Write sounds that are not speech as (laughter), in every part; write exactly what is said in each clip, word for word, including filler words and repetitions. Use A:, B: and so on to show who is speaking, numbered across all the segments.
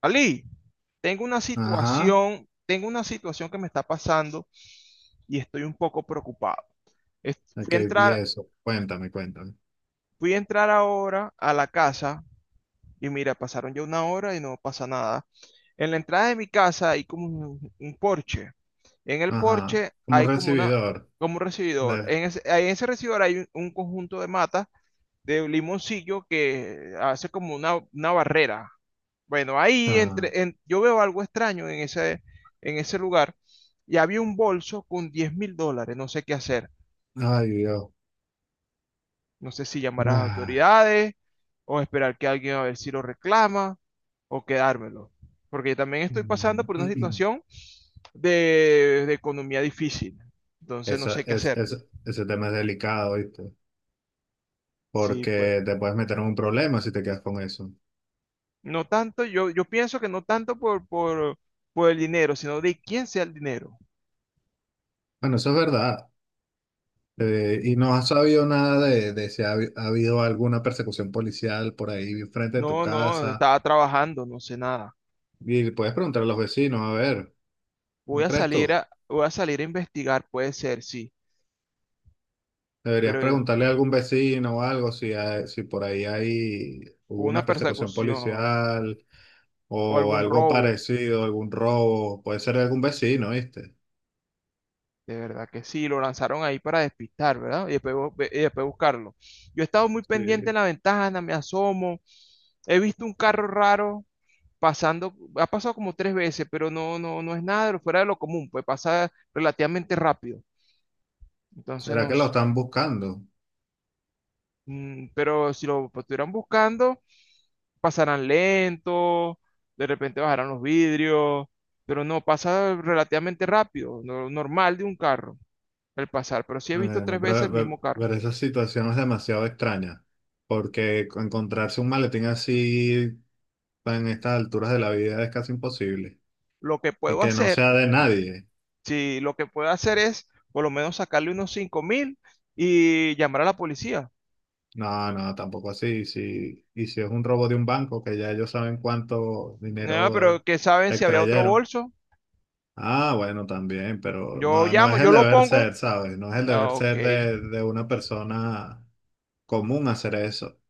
A: Ali, tengo una
B: Ajá,
A: situación, tengo una situación que me está pasando y estoy un poco preocupado. Es- Fui
B: ok,
A: a
B: vi
A: entrar,
B: eso. Cuéntame, cuéntame.
A: fui a entrar ahora a la casa y mira, pasaron ya una hora y no pasa nada. En la entrada de mi casa hay como un, un porche. En el
B: Ajá,
A: porche
B: como
A: hay como una,
B: recibidor.
A: como un recibidor.
B: de-
A: En ese, ahí en ese recibidor hay un, un conjunto de matas de limoncillo que hace como una, una barrera. Bueno, ahí
B: ah,
A: entre, en- yo veo algo extraño en ese, en ese lugar y había un bolso con diez mil dólares, no sé qué hacer.
B: ay, Dios.
A: No sé si llamar a las
B: Ah,
A: autoridades o esperar que alguien a ver si lo reclama o quedármelo. Porque yo también estoy
B: mm,
A: pasando por una
B: (clears throat)
A: situación de, de economía difícil. Entonces no
B: Esa,
A: sé qué
B: es,
A: hacer.
B: es- ese tema es delicado, ¿viste?
A: Sí.
B: Porque te puedes meter en un problema si te quedas con eso.
A: No tanto, yo, yo pienso que no tanto por, por, por el dinero, sino de quién sea el dinero.
B: Bueno, eso es verdad. Eh, y no has sabido nada de, de si ha, habi- ha habido alguna persecución policial por ahí frente de tu
A: No, no,
B: casa.
A: estaba trabajando, no sé nada.
B: Y puedes preguntar a los vecinos, a ver,
A: Voy
B: ¿no
A: a
B: crees
A: salir
B: tú?
A: a, voy a salir a investigar, puede ser, sí,
B: Deberías
A: pero eh,
B: preguntarle a algún vecino o algo si, hay- si por ahí hay, hubo
A: una
B: una persecución
A: persecución
B: policial
A: o
B: o
A: algún
B: algo
A: robo,
B: parecido, algún robo. Puede ser de algún vecino, ¿viste?
A: de verdad que sí, lo lanzaron ahí para despistar, ¿verdad? Y después, bu- ve- y después buscarlo. Yo he estado muy pendiente en
B: Sí.
A: la ventana, me asomo, he visto un carro raro pasando, ha pasado como tres veces, pero no, no, no es nada de lo fuera de lo común, pues pasa relativamente rápido. Entonces
B: ¿Será que lo
A: nos,
B: están buscando?
A: mm, pero si lo pues, estuvieran buscando, pasarán lento, de repente bajarán los vidrios, pero no, pasa relativamente rápido, no- normal de un carro, el pasar, pero sí he visto
B: Eh,
A: tres veces
B: pero,
A: el mismo
B: pero-
A: carro.
B: pero esa situación es demasiado extraña, porque encontrarse un maletín así en estas alturas de la vida es casi imposible
A: Lo que
B: y
A: puedo
B: que no
A: hacer,
B: sea de nadie.
A: sí, lo que puedo hacer es por lo menos sacarle unos cinco mil y llamar a la policía.
B: No, no, tampoco así. Si, y si es un robo de un banco, que ya ellos saben cuánto
A: Ah,
B: dinero eh,
A: pero que saben si había otro
B: extrayeron.
A: bolso.
B: Ah, bueno, también, pero
A: Yo
B: no, no
A: llamo,
B: es el
A: yo lo
B: deber
A: pongo.
B: ser, ¿sabes? No es el deber
A: Ah, ok.
B: ser de, de una persona común hacer eso.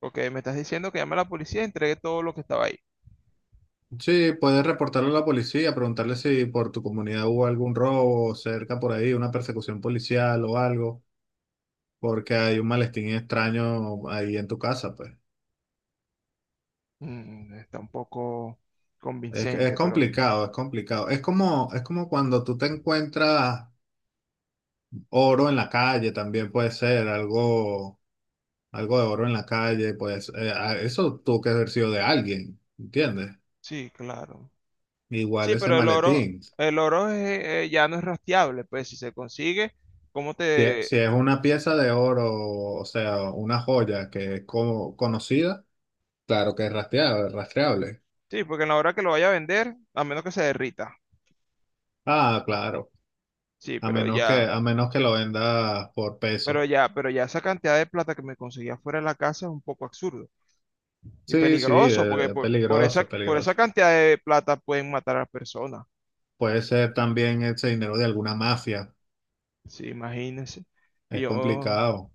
A: Ok, me estás diciendo que llame a la policía y entregue todo lo que estaba ahí.
B: Sí, puedes reportarlo a la policía, preguntarle si por tu comunidad hubo algún robo cerca por ahí, una persecución policial o algo, porque hay un malestín extraño ahí en tu casa, pues.
A: Mm, está un poco
B: Es, es
A: convincente, pero
B: complicado, es complicado. Es como, es como cuando tú te encuentras oro en la calle, también puede ser algo, algo de oro en la calle, pues eh, a- eso tuvo que haber sido de alguien, ¿entiendes?
A: sí, claro.
B: Igual
A: Sí,
B: ese
A: pero el oro,
B: maletín.
A: el oro es, eh, ya no es rastreable, pues si se consigue, ¿cómo
B: Si, e- si
A: te...?
B: es una pieza de oro, o sea, una joya que es como conocida, claro que es rastreable, rastreable.
A: Sí, porque en la hora que lo vaya a vender, a menos que se derrita.
B: Ah, claro.
A: Sí,
B: A
A: pero
B: menos que,
A: ya,
B: a menos que lo vendas por
A: pero
B: peso.
A: ya, pero ya esa cantidad de plata que me conseguía fuera de la casa es un poco absurdo y
B: Sí, sí,
A: peligroso, porque
B: eh, es
A: por, por
B: peligroso,
A: esa,
B: es
A: por esa
B: peligroso.
A: cantidad de plata pueden matar a personas.
B: Puede ser también ese dinero de alguna mafia.
A: Sí, imagínense. Que
B: Es
A: yo
B: complicado.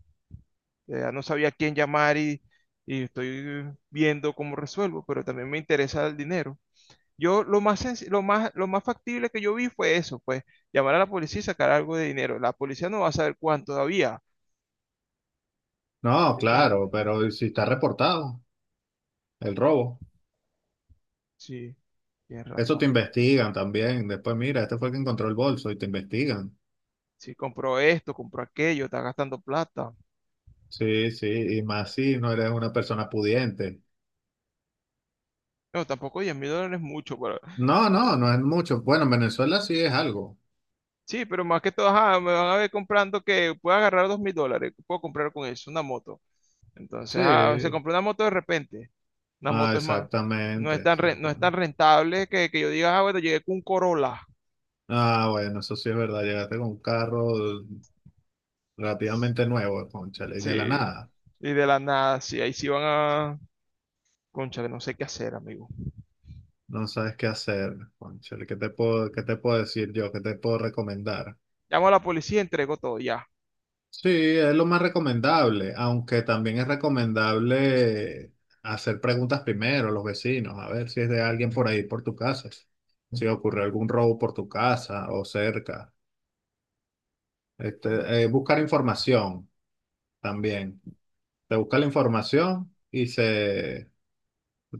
A: eh, ya no sabía a quién llamar y, y estoy viendo cómo resuelvo, pero también me interesa el dinero. Yo lo más, senc- lo más, lo más factible que yo vi fue eso, pues llamar a la policía y sacar algo de dinero. La policía no va a saber cuánto todavía,
B: No,
A: ¿entiendes?
B: claro, ¿pero si está reportado el robo?
A: Sí, tienes
B: Eso te
A: razón.
B: investigan también. Después, mira, este fue el que encontró el bolso y te investigan.
A: Si compró esto, compró aquello, está gastando plata.
B: Sí, sí, y más si no eres una persona pudiente.
A: No, tampoco diez mil dólares es mucho, pero...
B: No, no,
A: eh,
B: no es mucho. Bueno, en Venezuela sí es algo.
A: sí, pero más que todo, ajá, me van a ver comprando que puedo agarrar dos mil dólares, puedo comprar con eso una moto. Entonces, ah, se
B: Sí.
A: compró una moto de repente. Una
B: Ah,
A: moto es más, no
B: exactamente,
A: es tan, re- no es tan
B: exactamente.
A: rentable que, que yo diga, ah, bueno, llegué con un Corolla.
B: Ah, bueno, eso sí es verdad. Llegaste con un carro relativamente nuevo, cónchale, y de la
A: Sí.
B: nada.
A: Y de la nada, sí, ahí sí van a... Cónchale, no sé qué hacer, amigo.
B: No sabes qué hacer, cónchale, ¿qué te puedo, qué te puedo decir yo? ¿Qué te puedo recomendar?
A: Llamo a la policía, entrego todo, ya.
B: Sí, es lo más recomendable, aunque también es recomendable hacer preguntas primero a los vecinos, a ver si es de alguien por ahí, por tu casa, si ocurrió algún robo por tu casa o cerca.
A: Ve-
B: Este, eh, buscar información también. Te busca la información y se,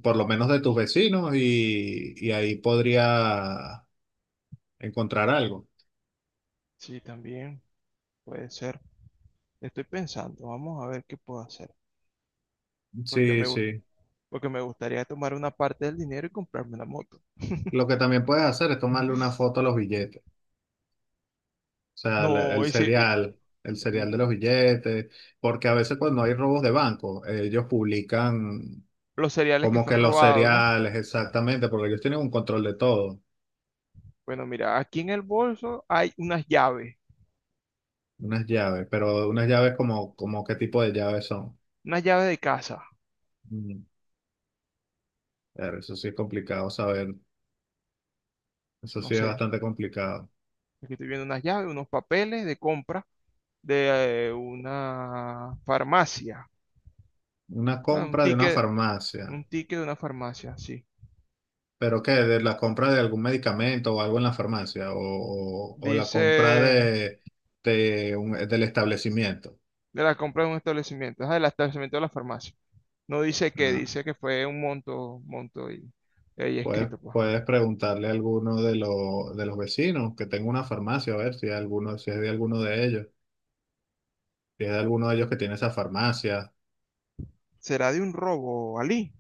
B: por lo menos de tus vecinos, y, y ahí podría encontrar algo.
A: Sí, también. Puede ser. Estoy pensando, vamos a ver qué puedo hacer. Porque
B: Sí,
A: me, gu-
B: sí.
A: porque me gustaría tomar una parte del dinero y comprarme una moto.
B: Lo que también puedes hacer es tomarle una foto a los billetes, o sea, el,
A: No,
B: el
A: y si, y,
B: serial, el serial de los
A: mm,
B: billetes, porque a veces cuando hay robos de banco, ellos publican
A: los cereales que
B: como que
A: fueron
B: los
A: robados, ¿no?
B: seriales, exactamente, porque ellos tienen un control de todo,
A: Bueno, mira, aquí en el bolso hay unas llaves,
B: unas llaves, pero unas llaves como, como qué tipo de llaves son.
A: unas llaves de casa,
B: Mm, claro, eso sí es complicado saber, eso
A: no
B: sí es
A: sé.
B: bastante complicado.
A: Aquí estoy viendo unas llaves, unos papeles de compra de eh, una farmacia.
B: Una
A: Bueno, un
B: compra de una
A: ticket,
B: farmacia.
A: un ticket de una farmacia, sí.
B: ¿Pero qué? ¿De la compra de algún medicamento o algo en la farmacia? ¿O, o- o la compra
A: Dice
B: de, de un- del establecimiento?
A: de la compra de un establecimiento, ah, del establecimiento de la farmacia. No dice que,
B: Ah,
A: dice que fue un monto, monto y ahí
B: puedes,
A: escrito, pues.
B: puedes preguntarle a alguno de, los de los vecinos que tenga una farmacia, a ver si, alguno, si es de alguno de ellos. Si es de alguno de ellos que tiene esa farmacia.
A: ¿Será de un robo, Ali?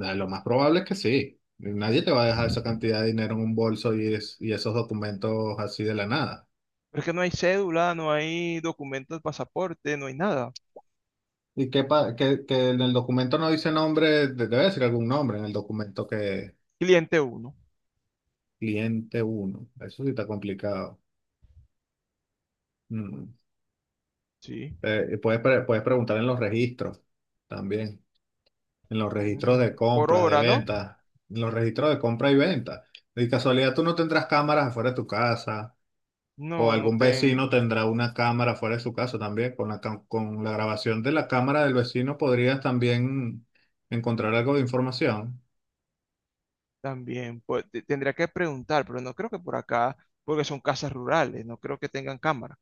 B: Ah, lo más probable es que sí. Nadie te va a dejar esa cantidad de dinero en un bolso y, es- y esos documentos así de la nada.
A: Pero es que no hay cédula, no hay documentos, pasaporte, no hay nada.
B: Y que, pa- que, que en el documento no dice nombre, de- debe decir algún nombre en el documento que
A: Cliente uno,
B: cliente uno, eso sí está complicado. Mm.
A: sí.
B: Eh, puedes, pre- puedes preguntar en los registros también. En los registros
A: Mm,
B: de
A: por
B: compras, de
A: hora, ¿no?
B: ventas. En los registros de compra y venta. De casualidad, tú no tendrás cámaras afuera de tu casa. O
A: No, no
B: algún vecino
A: tengo.
B: tendrá una cámara afuera de su casa también. Con la, cam- con la grabación de la cámara del vecino podrías también encontrar algo de información.
A: También, pues te- tendría que preguntar, pero no creo que por acá, porque son casas rurales, no creo que tengan cámara.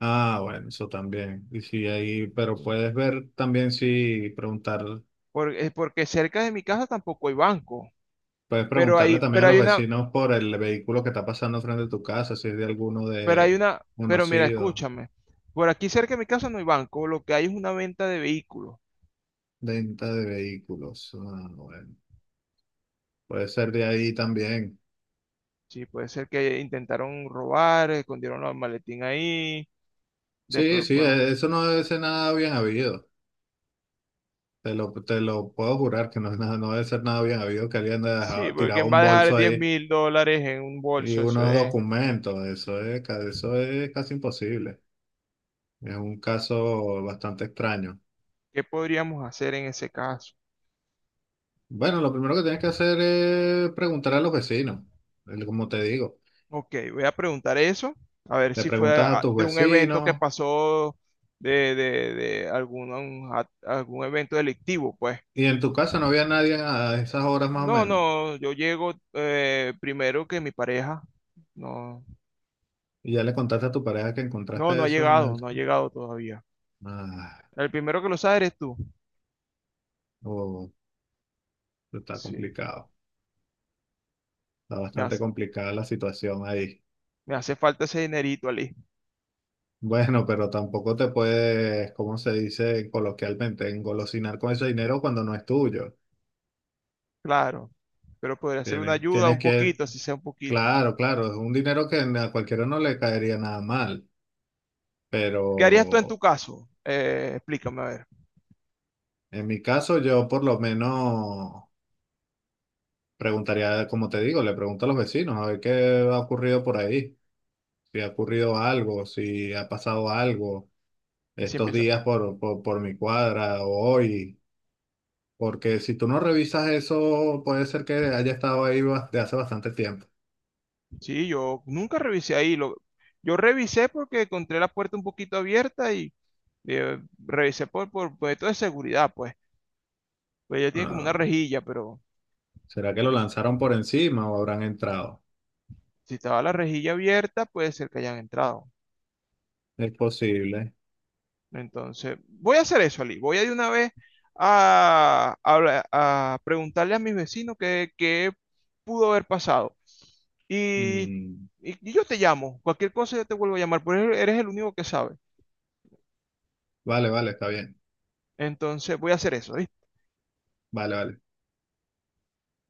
B: Ah, bueno, eso también. Y si ahí, pero
A: Sí.
B: puedes ver también si preguntar.
A: Por- eh, porque cerca de mi casa tampoco hay banco,
B: Puedes
A: pero
B: preguntarle
A: hay,
B: también a
A: pero hay
B: los
A: una,
B: vecinos por el vehículo que está pasando frente a tu casa, si es de alguno
A: Pero hay
B: de
A: una, pero mira,
B: conocido,
A: escúchame. Por aquí cerca de mi casa no hay banco, lo que hay es una venta de vehículos.
B: venta de vehículos. Ah, bueno. Puede ser de ahí también.
A: Sí, puede ser que intentaron robar, escondieron los maletín ahí,
B: Sí,
A: después,
B: sí,
A: bueno,
B: e- eso no debe ser nada bien habido. Te lo, te lo puedo jurar que no es nada, no debe ser nada bien habido que alguien haya
A: sí,
B: dejado,
A: porque
B: tirado
A: ¿quién va
B: un
A: a dejar
B: bolso
A: diez
B: ahí
A: mil dólares en un
B: y
A: bolso? Eso
B: unos
A: es.
B: documentos. Eso es, ca- eso es casi imposible. Es un caso bastante extraño.
A: ¿Qué podríamos hacer en ese caso?
B: Bueno, lo primero que tienes que hacer es preguntar a los vecinos, el- como te digo.
A: Ok, voy a preguntar eso, a ver
B: Le
A: si fue
B: preguntas a
A: a-
B: tus
A: de un evento que
B: vecinos
A: pasó de, de, de algún, algún evento delictivo, pues.
B: y en tu casa no había nadie a esas horas más o
A: No,
B: menos.
A: no, yo llego eh, primero que mi pareja. No,
B: Y ya le contaste a tu pareja que
A: no, no
B: encontraste
A: ha
B: eso en
A: llegado,
B: el...
A: no ha llegado todavía.
B: Ah,
A: El primero que lo sabe eres tú.
B: oh, está
A: Sí,
B: complicado. Está
A: me
B: bastante
A: hace,
B: complicada la situación ahí.
A: me hace falta ese dinerito, Ali.
B: Bueno, pero tampoco te puedes, como se dice coloquialmente, engolosinar con ese dinero cuando no es tuyo.
A: Claro, pero podría ser una
B: Tienes,
A: ayuda
B: tienes
A: un
B: que...
A: poquito, así sea un poquito.
B: Claro, claro, es un dinero que a cualquiera no le caería nada mal. Pero
A: ¿Qué harías tú en tu caso? Eh, explícame, a ver.
B: en mi caso, yo por lo menos preguntaría, como te digo, le pregunto a los vecinos a ver qué ha ocurrido por ahí, si ha ocurrido algo, si ha pasado algo
A: Y si
B: estos
A: empieza.
B: días por, por, por mi cuadra o hoy, porque si tú no revisas eso, puede ser que haya estado ahí ba- de hace bastante tiempo.
A: Sí, yo nunca revisé ahí. Lo, yo revisé porque encontré la puerta un poquito abierta y eh, revisé por, por, por esto de seguridad, pues. Pues ella tiene como una
B: Ah,
A: rejilla, pero
B: ¿será que lo
A: no.
B: lanzaron por encima o habrán entrado?
A: Si estaba la rejilla abierta, puede ser que hayan entrado.
B: Es posible.
A: Entonces, voy a hacer eso, Ali. Voy a de una vez a, a- a preguntarle a mis vecinos qué, qué pudo haber pasado. Y,
B: Mm,
A: y- yo te llamo. Cualquier cosa yo te vuelvo a llamar, porque eres el único que sabe.
B: vale, vale, está bien.
A: Entonces, voy a hacer eso.
B: Vale, vale.